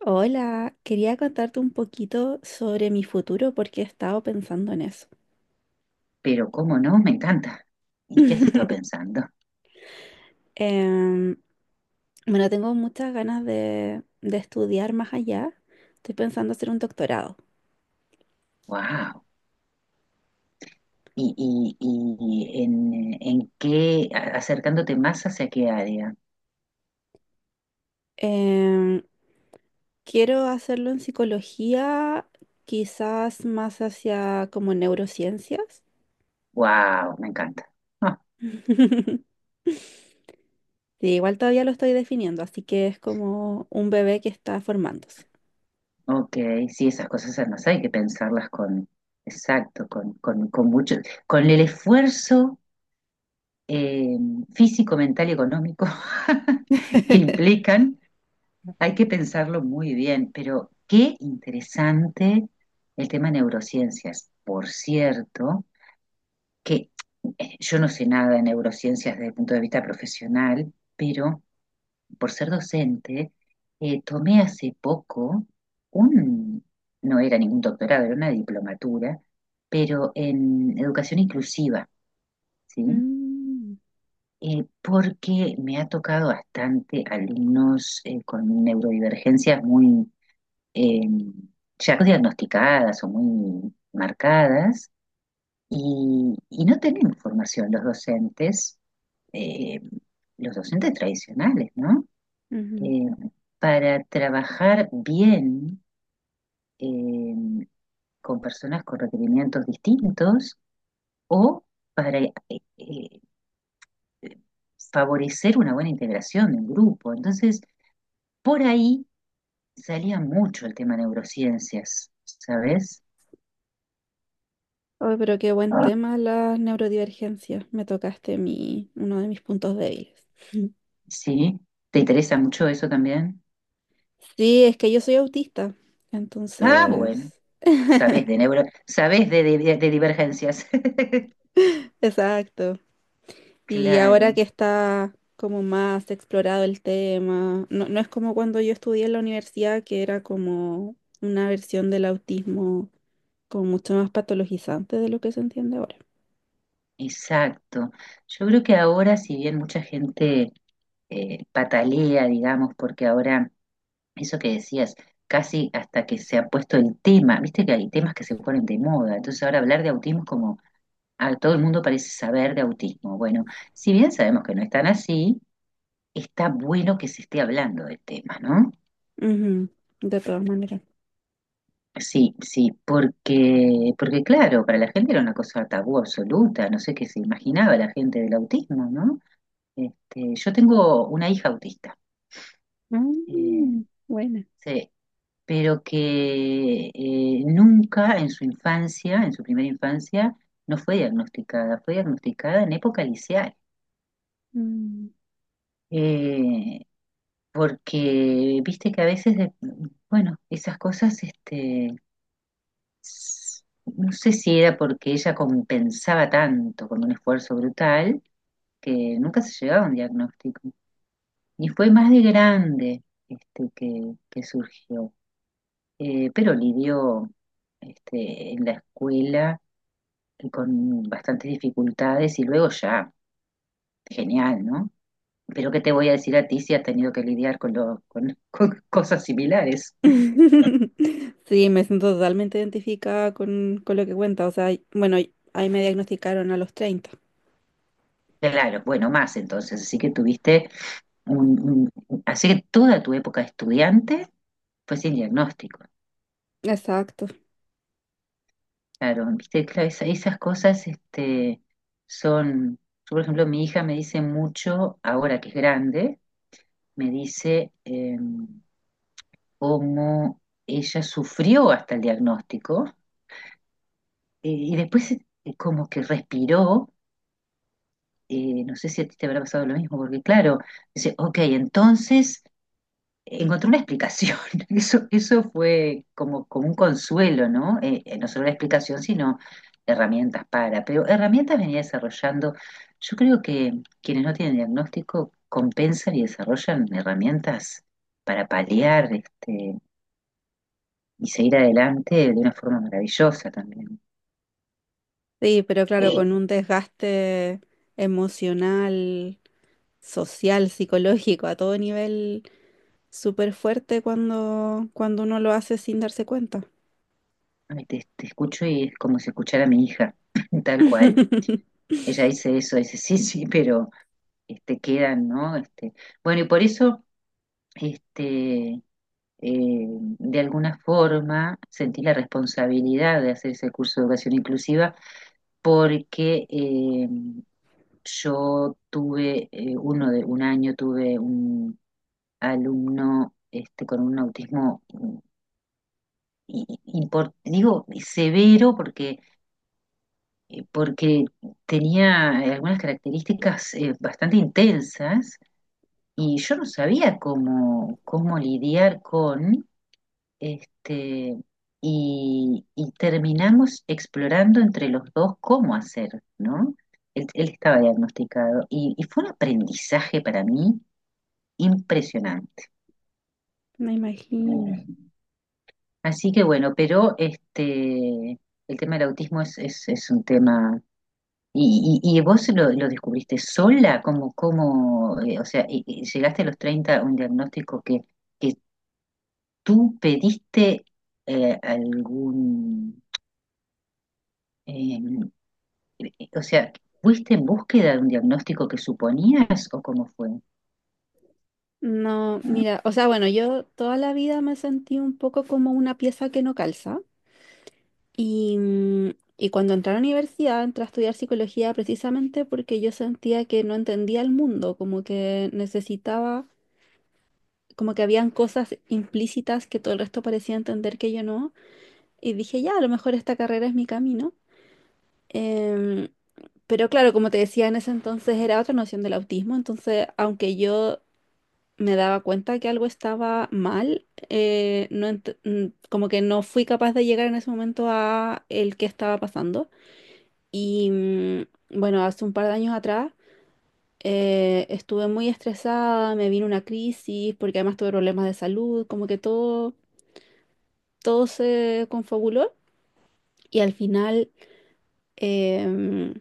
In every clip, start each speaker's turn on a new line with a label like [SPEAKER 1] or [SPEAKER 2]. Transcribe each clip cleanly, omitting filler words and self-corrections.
[SPEAKER 1] Hola, quería contarte un poquito sobre mi futuro porque he estado pensando en eso.
[SPEAKER 2] Pero cómo no, me encanta. ¿Y qué has estado pensando?
[SPEAKER 1] Em, bueno, tengo muchas ganas de estudiar más allá. Estoy pensando hacer un doctorado.
[SPEAKER 2] Wow. ¿Y, en qué, acercándote más hacia qué área?
[SPEAKER 1] Em, Quiero hacerlo en psicología, quizás más hacia como neurociencias.
[SPEAKER 2] Wow, me encanta. Ah,
[SPEAKER 1] Sí, igual todavía lo estoy definiendo, así que es como un bebé que está formándose.
[SPEAKER 2] ok, sí, esas cosas además hay que pensarlas con, exacto, con mucho, con el esfuerzo eh, físico, mental y económico que implican, hay que pensarlo muy bien. Pero qué interesante el tema neurociencias, por cierto. Que yo no sé nada de neurociencias desde el punto de vista profesional, pero por ser docente, tomé hace poco un, no era ningún doctorado, era una diplomatura, pero en educación inclusiva, ¿sí?
[SPEAKER 1] Mm,
[SPEAKER 2] Porque me ha tocado bastante alumnos con neurodivergencias muy eh, ya no diagnosticadas o muy marcadas y, no tenemos formación los docentes, eh, los docentes tradicionales, ¿no?
[SPEAKER 1] ujú.
[SPEAKER 2] Eh, para trabajar bien eh, con personas con requerimientos distintos o para eh, favorecer una buena integración del grupo. Entonces, por ahí salía mucho el tema neurociencias, ¿sabes?
[SPEAKER 1] Ay, pero qué buen tema las neurodivergencias. Me tocaste uno de mis puntos débiles.
[SPEAKER 2] Sí, ¿te interesa mucho eso también?
[SPEAKER 1] Sí, es que yo soy autista,
[SPEAKER 2] Ah, bueno,
[SPEAKER 1] entonces...
[SPEAKER 2] sabes de neuro, sabes de, de divergencias.
[SPEAKER 1] Exacto. Y ahora
[SPEAKER 2] Claro.
[SPEAKER 1] que está como más explorado el tema, no, no es como cuando yo estudié en la universidad, que era como una versión del autismo como mucho más patologizante de lo que se entiende ahora.
[SPEAKER 2] Exacto. Yo creo que ahora, si bien mucha gente patalea, digamos, porque ahora, eso que decías, casi hasta que se ha puesto el tema, viste que hay temas que se ponen de moda, entonces ahora hablar de autismo es como, a todo el mundo parece saber de autismo. Bueno, si bien sabemos que no es tan así, está bueno que se esté hablando del tema, ¿no?
[SPEAKER 1] Ujú, de todas maneras.
[SPEAKER 2] Sí, sí, porque claro, para la gente era una cosa tabú absoluta, no sé qué se imaginaba la gente del autismo, ¿no? Este, yo tengo una hija autista, eh,
[SPEAKER 1] Mm, buena.
[SPEAKER 2] sí, pero que nunca en su infancia, en su primera infancia, no fue diagnosticada, fue diagnosticada en época liceal.
[SPEAKER 1] Mm.
[SPEAKER 2] Eh, Porque viste que a veces, bueno, esas cosas, este, no sé si era porque ella compensaba tanto con un esfuerzo brutal que nunca se llegaba a un diagnóstico. Y fue más de grande este, que surgió. Pero lidió este, en la escuela con bastantes dificultades y luego ya, genial, ¿no? Pero ¿qué te voy a decir a ti si has tenido que lidiar con, con, con cosas similares?
[SPEAKER 1] Sí, me siento totalmente identificada con lo que cuenta. O sea, bueno, ahí me diagnosticaron a los 30.
[SPEAKER 2] Claro, bueno, más entonces, así que tuviste un, así que toda tu época de estudiante fue sin diagnóstico.
[SPEAKER 1] Exacto.
[SPEAKER 2] Claro, viste, claro, esas cosas este, son, yo por ejemplo, mi hija me dice mucho, ahora que es grande, me dice... em, cómo ella sufrió hasta el diagnóstico, y después como que respiró, no sé si a ti te habrá pasado lo mismo, porque claro, dice, ok, entonces encontré una explicación, eso fue como, como un consuelo, ¿no? No solo la explicación, sino herramientas para, pero herramientas venía desarrollando, yo creo que quienes no tienen diagnóstico compensan y desarrollan herramientas para paliar este, y seguir adelante de una forma maravillosa también.
[SPEAKER 1] Sí, pero claro, con un desgaste emocional, social, psicológico, a todo nivel, súper fuerte cuando, cuando uno lo hace sin darse cuenta.
[SPEAKER 2] Ay, te escucho y es como si escuchara a mi hija, tal cual. Ella dice eso, dice sí, sí, pero este, quedan, ¿no? Este, bueno, y por eso, este, eh, de alguna forma, sentí la responsabilidad de hacer ese curso de educación inclusiva porque yo tuve, un año tuve un alumno este, con un autismo y, digo severo porque, porque tenía algunas características bastante intensas y yo no sabía cómo, cómo lidiar con este y terminamos explorando entre los dos cómo hacer, ¿no? Él estaba diagnosticado y fue un aprendizaje para mí impresionante.
[SPEAKER 1] Me imagino.
[SPEAKER 2] Así que bueno, pero este, el tema del autismo es, es un tema. ¿Y, vos lo descubriste sola? ¿Cómo, cómo, o sea, y llegaste a los 30 a un diagnóstico que tú pediste eh, algún, eh, o sea, ¿fuiste en búsqueda de un diagnóstico que suponías o cómo fue?
[SPEAKER 1] No, mira, o sea, bueno, yo toda la vida me sentí un poco como una pieza que no calza. Y, mm, y cuando entré a la universidad, entré a estudiar psicología precisamente porque yo sentía que no entendía el mundo, como que necesitaba, como que habían cosas implícitas que todo el resto parecía entender que yo no. Y dije, ya, a lo mejor esta carrera es mi camino. Em, pero claro, como te decía, en ese entonces era otra noción del autismo, entonces aunque yo me daba cuenta que algo estaba mal, no como que no fui capaz de llegar en ese momento a el que estaba pasando. Y mm, bueno, hace un par de años atrás estuve muy estresada, me vino una crisis porque además tuve problemas de salud, como que todo, todo se confabuló y al final em,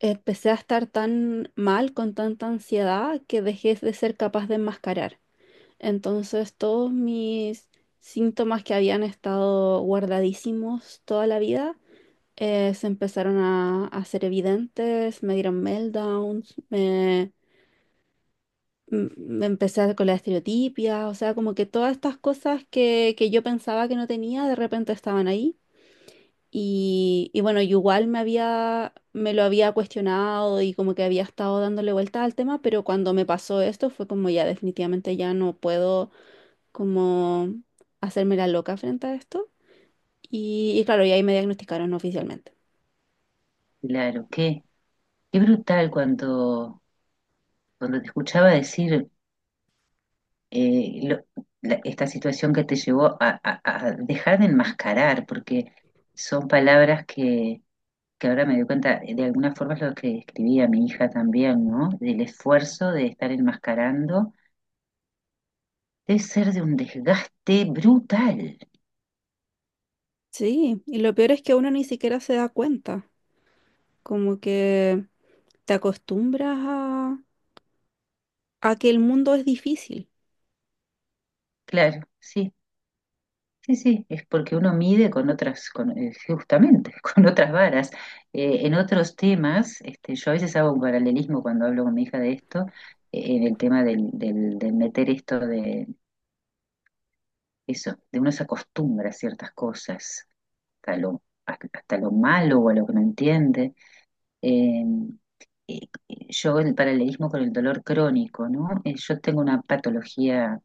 [SPEAKER 1] empecé a estar tan mal, con tanta ansiedad, que dejé de ser capaz de enmascarar. Entonces todos mis síntomas que habían estado guardadísimos toda la vida se empezaron a hacer evidentes, me dieron meltdowns, me con la estereotipia, o sea, como que todas estas cosas que yo pensaba que no tenía, de repente estaban ahí. Y bueno, yo igual me lo había cuestionado y como que había estado dándole vuelta al tema, pero cuando me pasó esto fue como ya definitivamente ya no puedo como hacerme la loca frente a esto. Y claro, y ahí me diagnosticaron oficialmente.
[SPEAKER 2] Claro, qué, qué brutal cuando, cuando te escuchaba decir eh, lo- esta situación que te llevó a, a dejar de enmascarar, porque son palabras que ahora me doy cuenta, de alguna forma es lo que escribía mi hija también, ¿no? Del esfuerzo de estar enmascarando, debe ser de un desgaste brutal.
[SPEAKER 1] Sí, y lo peor es que uno ni siquiera se da cuenta, como que te acostumbras a que el mundo es difícil.
[SPEAKER 2] Claro, sí, sí, sí, es porque uno mide con otras, con, justamente, con otras varas. En otros temas, este, yo a veces hago un paralelismo cuando hablo con mi hija de esto, en el tema del meter esto de eso, de uno se acostumbra a ciertas cosas, hasta lo malo o a lo que no entiende. eh, eh, yo el paralelismo con el dolor crónico, ¿no? Yo tengo una patología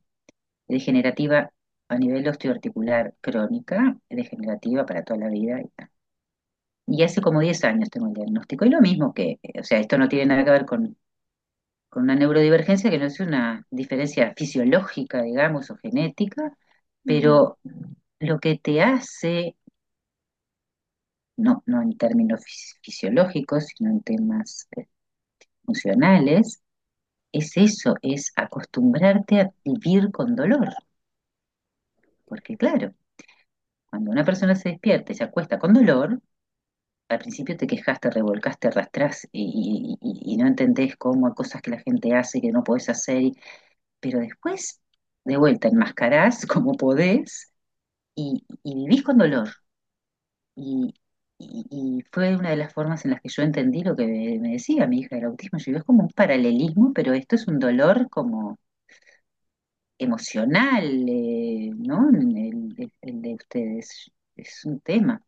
[SPEAKER 2] degenerativa a nivel osteoarticular crónica, degenerativa para toda la vida. Y tal. Y hace como 10 años tengo el diagnóstico. Y lo mismo que, o sea, esto no tiene nada que ver con una neurodivergencia, que no es una diferencia fisiológica, digamos, o genética,
[SPEAKER 1] Ujú.
[SPEAKER 2] pero lo que te hace, no, no en términos fisiológicos, sino en temas funcionales, es eso, es acostumbrarte a vivir con dolor. Porque claro, cuando una persona se despierta y se acuesta con dolor, al principio te quejas, te revolcas, te arrastrás y, y no entendés cómo hay cosas que la gente hace que no podés hacer, pero después, de vuelta, enmascarás como podés y vivís con dolor. Y, y fue una de las formas en las que yo entendí lo que me decía mi hija del autismo. Yo digo, es como un paralelismo, pero esto es un dolor como emocional, ¿no? El, el de ustedes es un tema.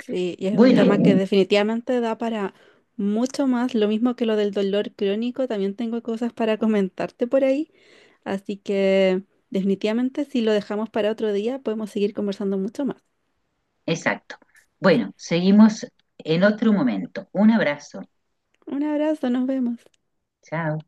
[SPEAKER 1] Sí, y es un
[SPEAKER 2] Bueno, sí.
[SPEAKER 1] tema que definitivamente da para mucho más, lo mismo que lo del dolor crónico, también tengo cosas para comentarte por ahí, así que definitivamente si lo dejamos para otro día podemos seguir conversando mucho más.
[SPEAKER 2] Exacto. Bueno, seguimos en otro momento. Un abrazo.
[SPEAKER 1] Un abrazo, nos vemos.
[SPEAKER 2] Chao.